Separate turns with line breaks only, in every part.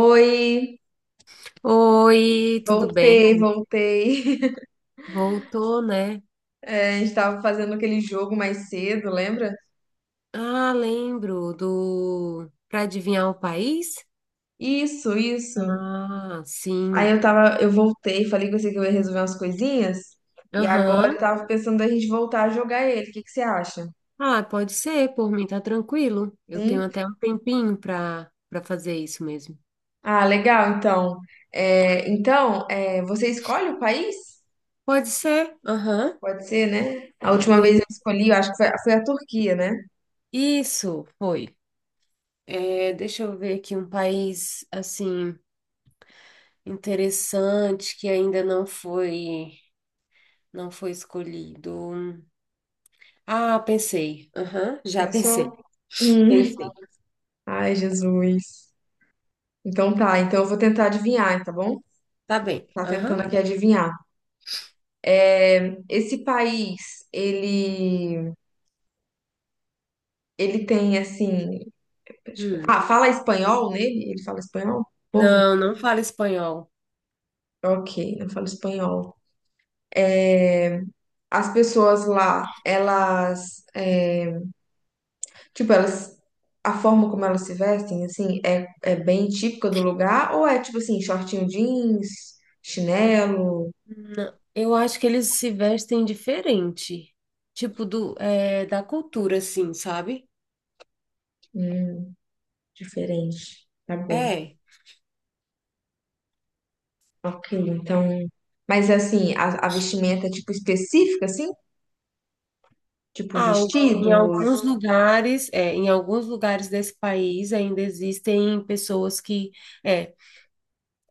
Oi,
Oi, tudo bem?
voltei, voltei.
Voltou, né?
A gente tava fazendo aquele jogo mais cedo, lembra?
Ah, lembro do Para adivinhar o país?
Isso, isso.
Ah, sim.
Eu voltei, falei com você que eu ia resolver umas coisinhas. E agora eu
Aham.
tava pensando da gente voltar a jogar ele. O que que você acha?
Ah, pode ser, por mim tá tranquilo. Eu tenho
Sim?
até um tempinho para fazer isso mesmo.
Ah, legal, então. Então, você escolhe o país?
Pode ser? Aham.
Pode ser, né? A última vez
De-
eu escolhi, eu acho que foi a Turquia, né?
Isso foi. É, deixa eu ver aqui um país assim interessante que ainda não foi não foi escolhido. Ah, pensei. Aham, já pensei.
Pensou? Hum.
Pensei.
Ai, Jesus. Então tá, então eu vou tentar adivinhar, tá bom?
Tá bem.
Tá
Aham.
tentando aqui adivinhar. Esse país, ele tem assim, deixa eu ver.
Hum.
Fala espanhol nele? Ele fala espanhol? O povo?
Não, fala espanhol.
OK, não fala espanhol. As pessoas lá, elas, tipo, elas a forma como elas se vestem assim é bem típica do lugar, ou é tipo assim, shortinho jeans, chinelo,
Não. Eu acho que eles se vestem diferente. Tipo, do, é, da cultura, assim, sabe?
hum, diferente. Tá bom.
É.
Ok, então. Mas assim, a vestimenta tipo específica, assim? Tipo
Ah, o- em
vestidos?
alguns lugares, é, em alguns lugares desse país ainda existem pessoas que, é,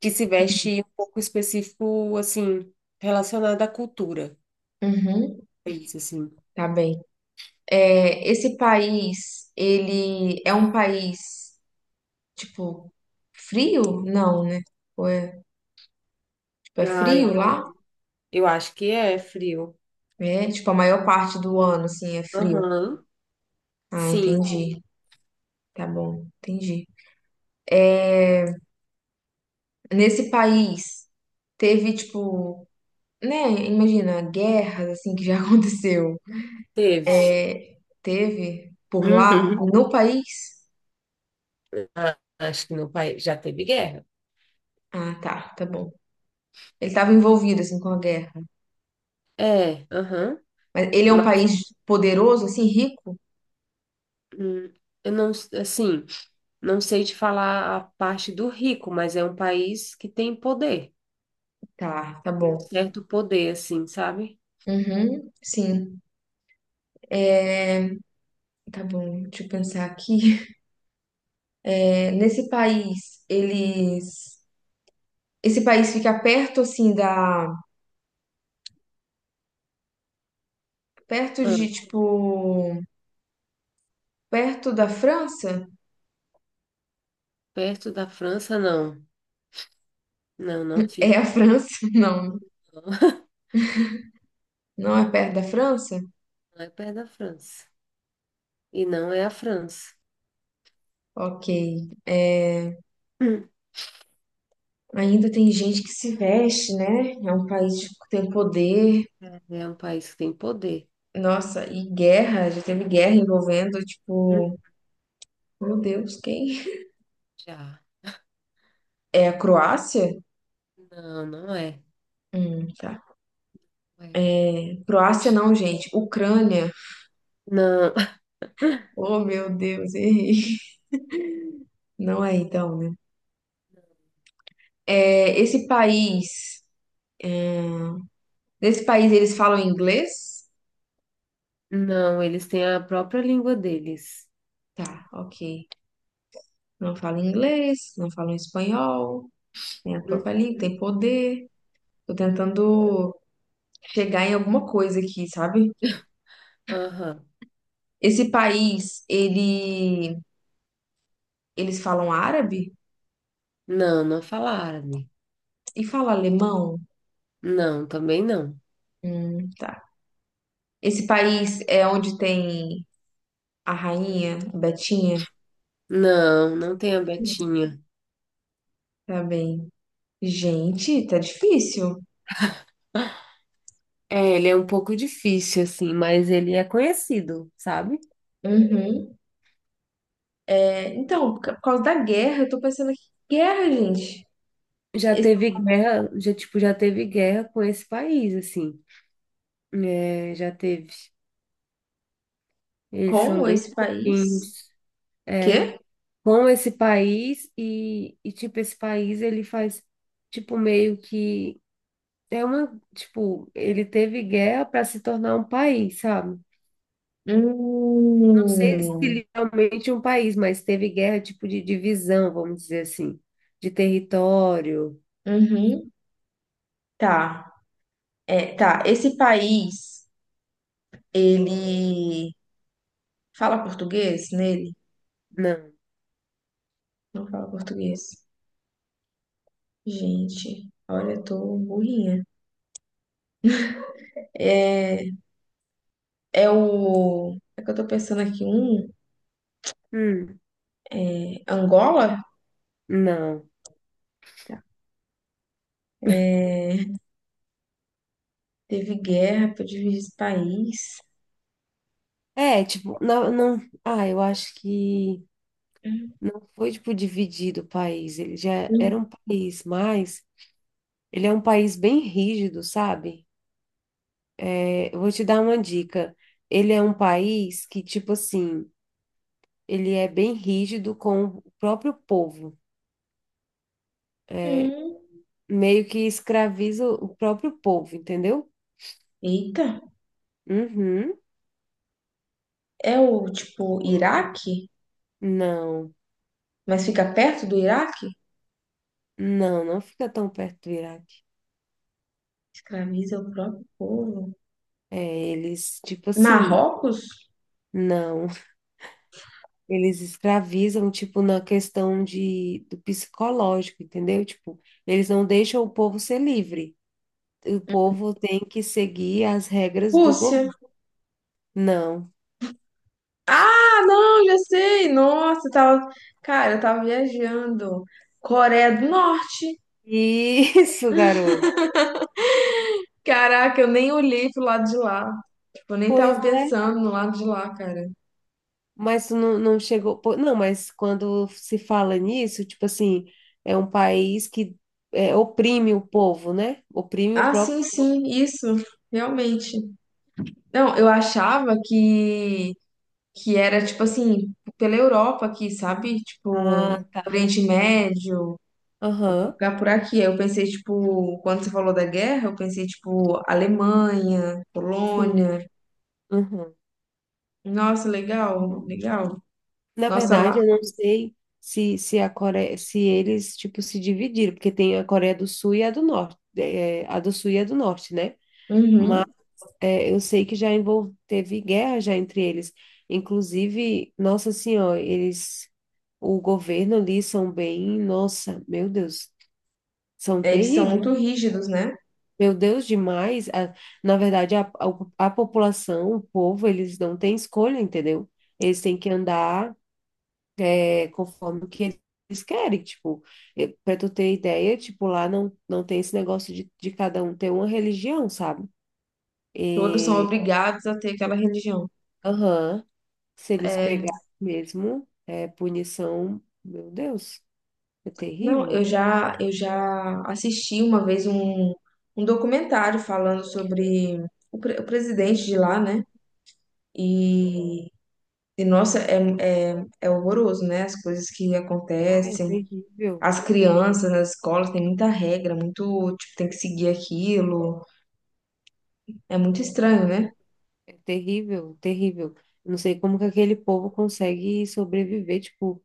que se vestem um pouco específico, assim, relacionado à cultura.
Uhum,
É isso, assim.
tá bem. É, esse país, ele é um país, tipo, frio? Não, né? Ou é, tipo, é
Ah, eu,
frio lá?
eu acho que é frio.
É, tipo, a maior parte do ano, assim, é frio.
Aham.
Ah,
Sim,
entendi. Tá bom, entendi. Nesse país, teve, tipo, né? Imagina, guerras, assim, que já aconteceu.
teve.
Teve por lá,
Uhum.
no país?
Ah, acho que no país já teve guerra.
Ah, tá, tá bom. Ele estava envolvido, assim, com a guerra.
É, aham.
Mas ele é um
Mas
país poderoso, assim, rico?
hum, eu não, assim, não sei te falar a parte do rico, mas é um país que tem poder,
Tá, tá
tem um
bom.
certo poder, assim, sabe?
Uhum, sim. É, tá bom, deixa eu pensar aqui. É, nesse país, eles... Esse país fica perto, assim, da... Perto
Ah,
de, tipo... Perto da França?
perto da França, não. Não,
É a
fica.
França? Não,
Não,
não é perto da França?
Não é perto da França. E não é a França.
Ok. É,
Hum.
ainda tem gente que se veste, né? É um país tipo, que tem poder.
É um país que tem poder.
Nossa, e guerra, já teve guerra envolvendo,
Hum,
tipo, meu Deus, quem?
Já.
É a Croácia?
Não, é.
Tá.
Não, é.
Croácia não, gente, Ucrânia.
Não,
Oh, meu Deus, errei. Não é então, né? É, esse país, Nesse país eles falam inglês?
não, eles têm a própria língua deles.
Tá, ok. Não falam inglês, não falam espanhol, tem a própria
Uhum.
língua, tem poder. Tô tentando chegar em alguma coisa aqui, sabe?
Aham.
Esse país, ele, Eles falam árabe?
Não, fala árabe.
E fala alemão?
Não, também não.
Tá. Esse país é onde tem a rainha, a Betinha?
Não, tem a Betinha.
Tá bem. Gente, tá difícil.
É, ele é um pouco difícil, assim, mas ele é conhecido, sabe?
Uhum. É, então, por causa da guerra, eu tô pensando aqui, guerra, gente.
Já
Esse,
teve guerra, já, tipo, já teve guerra com esse país, assim. É, já teve. Eles são
como
bem
esse país?
chatinhos
Quê?
com esse país e, tipo, esse país, ele faz, tipo, meio que... É uma, tipo, ele teve guerra para se tornar um país, sabe? Não sei se
Hum,
literalmente um país, mas teve guerra tipo de divisão, vamos dizer assim, de território.
uhum. Tá. É, tá. Esse país, ele fala português nele?
Não.
Não fala português. Gente, olha, eu tô burrinha. É, É o. É que eu tô pensando aqui, um.
Hum,
É Angola?
não.
Tá. É, teve guerra pra dividir esse país.
É, tipo, não, não. Ah, eu acho que não foi tipo dividido o país. Ele já era um
Hum.
país, mas ele é um país bem rígido, sabe? É, eu vou te dar uma dica. Ele é um país que, tipo assim, ele é bem rígido com o próprio povo.
Hum.
Meio que escraviza o próprio povo, entendeu?
Eita.
Uhum.
É o, tipo, Iraque?
Não,
Mas fica perto do Iraque?
não, não fica tão perto do Iraque.
Escraviza o próprio povo.
É, eles, tipo assim,
Marrocos?
não, eles escravizam, tipo, na questão de, do psicológico, entendeu? Tipo, eles não deixam o povo ser livre. O povo tem que seguir as regras do
Rússia?
governo. Não.
Ah, não, já sei. Nossa, eu tava. Cara, eu tava viajando. Coreia do Norte.
Isso, garoto.
Caraca, eu nem olhei pro lado de lá. Tipo, eu nem
Pois
tava
é,
pensando no lado de lá, cara.
mas tu não chegou. Pô, não, mas quando se fala nisso, tipo assim, é um país que é, oprime o povo, né? Oprime o
Ah,
próprio.
sim, sim, isso, realmente. Não, eu achava que era, tipo assim, pela Europa aqui, sabe?
Ah,
Tipo, Oriente Médio, algum
aham,
lugar por aqui. Aí eu pensei, tipo, quando você falou da guerra, eu pensei, tipo, Alemanha,
sim.
Polônia.
Aham.
Nossa, legal,
Uhum.
legal.
Na
Nossa, lá.
verdade, eu não sei se a Coreia, se eles, tipo, se dividiram, porque tem a Coreia do Sul e a do Norte, é, a do Sul e a do Norte, né? Mas
Uhum.
é, eu sei que já envol- teve guerra já entre eles. Inclusive, nossa senhora, eles, o governo ali são bem, nossa, meu Deus, são
Eles são
terríveis.
muito rígidos, né?
Meu Deus, demais. A- na verdade, a população, o povo, eles não têm escolha, entendeu? Eles têm que andar é, conforme o que eles querem. Tipo, para tu ter ideia, tipo, lá não, não tem esse negócio de cada um ter uma religião, sabe?
Todos são obrigados a ter aquela religião.
Aham. Se eles
É,
pegarem mesmo, é punição, meu Deus, é
Não,
terrível.
eu já assisti uma vez um documentário falando sobre o, o presidente de lá, né? E, e nossa, é horroroso, né? As coisas que
Ah, é
acontecem,
terrível.
as
Meu
crianças
Deus,
nas escolas tem muita regra, muito, tipo, tem que seguir aquilo. É muito estranho, né?
não, é terrível, terrível. Eu não sei como que aquele povo consegue sobreviver, tipo,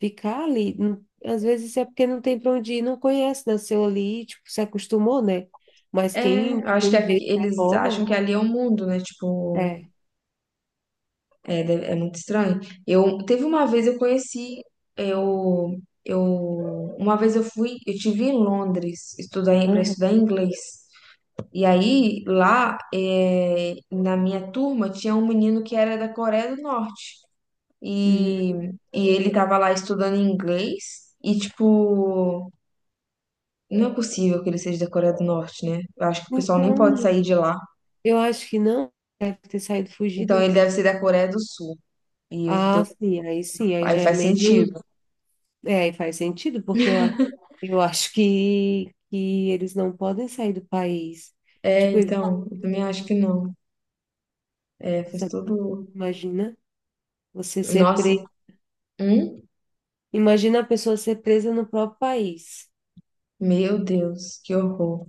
ficar ali, não- às vezes é porque não tem para onde ir, não conhece, nasceu ali, tipo, se acostumou, né? Mas
É,
quem,
eu acho que
quem vê de
eles acham
fora,
que ali é o mundo, né? Tipo,
é.
É, é muito estranho. Eu teve uma vez eu conheci, eu Uma vez eu fui, eu tive em Londres estudar para
Aham.
estudar inglês. E aí lá na minha turma tinha um menino que era da Coreia do Norte e,
Hum.
e ele tava lá estudando inglês e tipo não é possível que ele seja da Coreia do Norte, né? Eu acho que o pessoal nem
Então,
pode
né?
sair de lá.
Eu acho que não deve ter saído
Então ele
fugido.
deve ser da Coreia do Sul. E eu tô,
Ah, sim, aí
Aí
já é
faz
menos.
sentido.
É, aí faz sentido, porque eu, a- eu acho que eles não podem sair do país.
É,
Tipo, eles,
então, eu também acho que não. É, fez
nossa,
tudo.
imagina você ser
Nossa,
preso.
hum?
Imagina a pessoa ser presa no próprio país.
Meu Deus, que horror.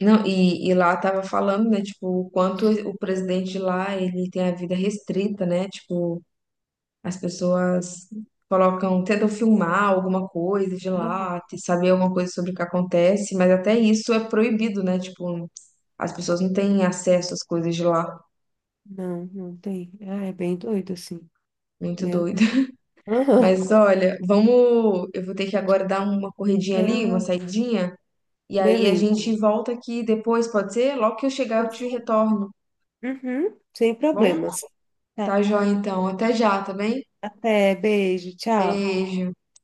Não, e lá tava falando, né, tipo, o quanto o presidente de lá, ele tem a vida restrita, né? Tipo, as pessoas colocam, tentam filmar alguma coisa de lá, saber alguma coisa sobre o que acontece, mas até isso é proibido, né? Tipo, as pessoas não têm acesso às coisas de lá.
Não, tem. Ah, é bem doido, assim.
Muito
Meu.
doido.
Aham.
Mas olha, vamos, eu vou ter que agora dar uma corridinha ali, uma
Ah,
saidinha. E aí a
beleza.
gente volta aqui depois, pode ser? Logo que eu chegar, eu
Pode
te
ser?
retorno,
Uhum, sem
tá bom?
problemas. Tá.
Tá joia, então. Até já, tá bem?
Até, beijo, tchau.
Beijo.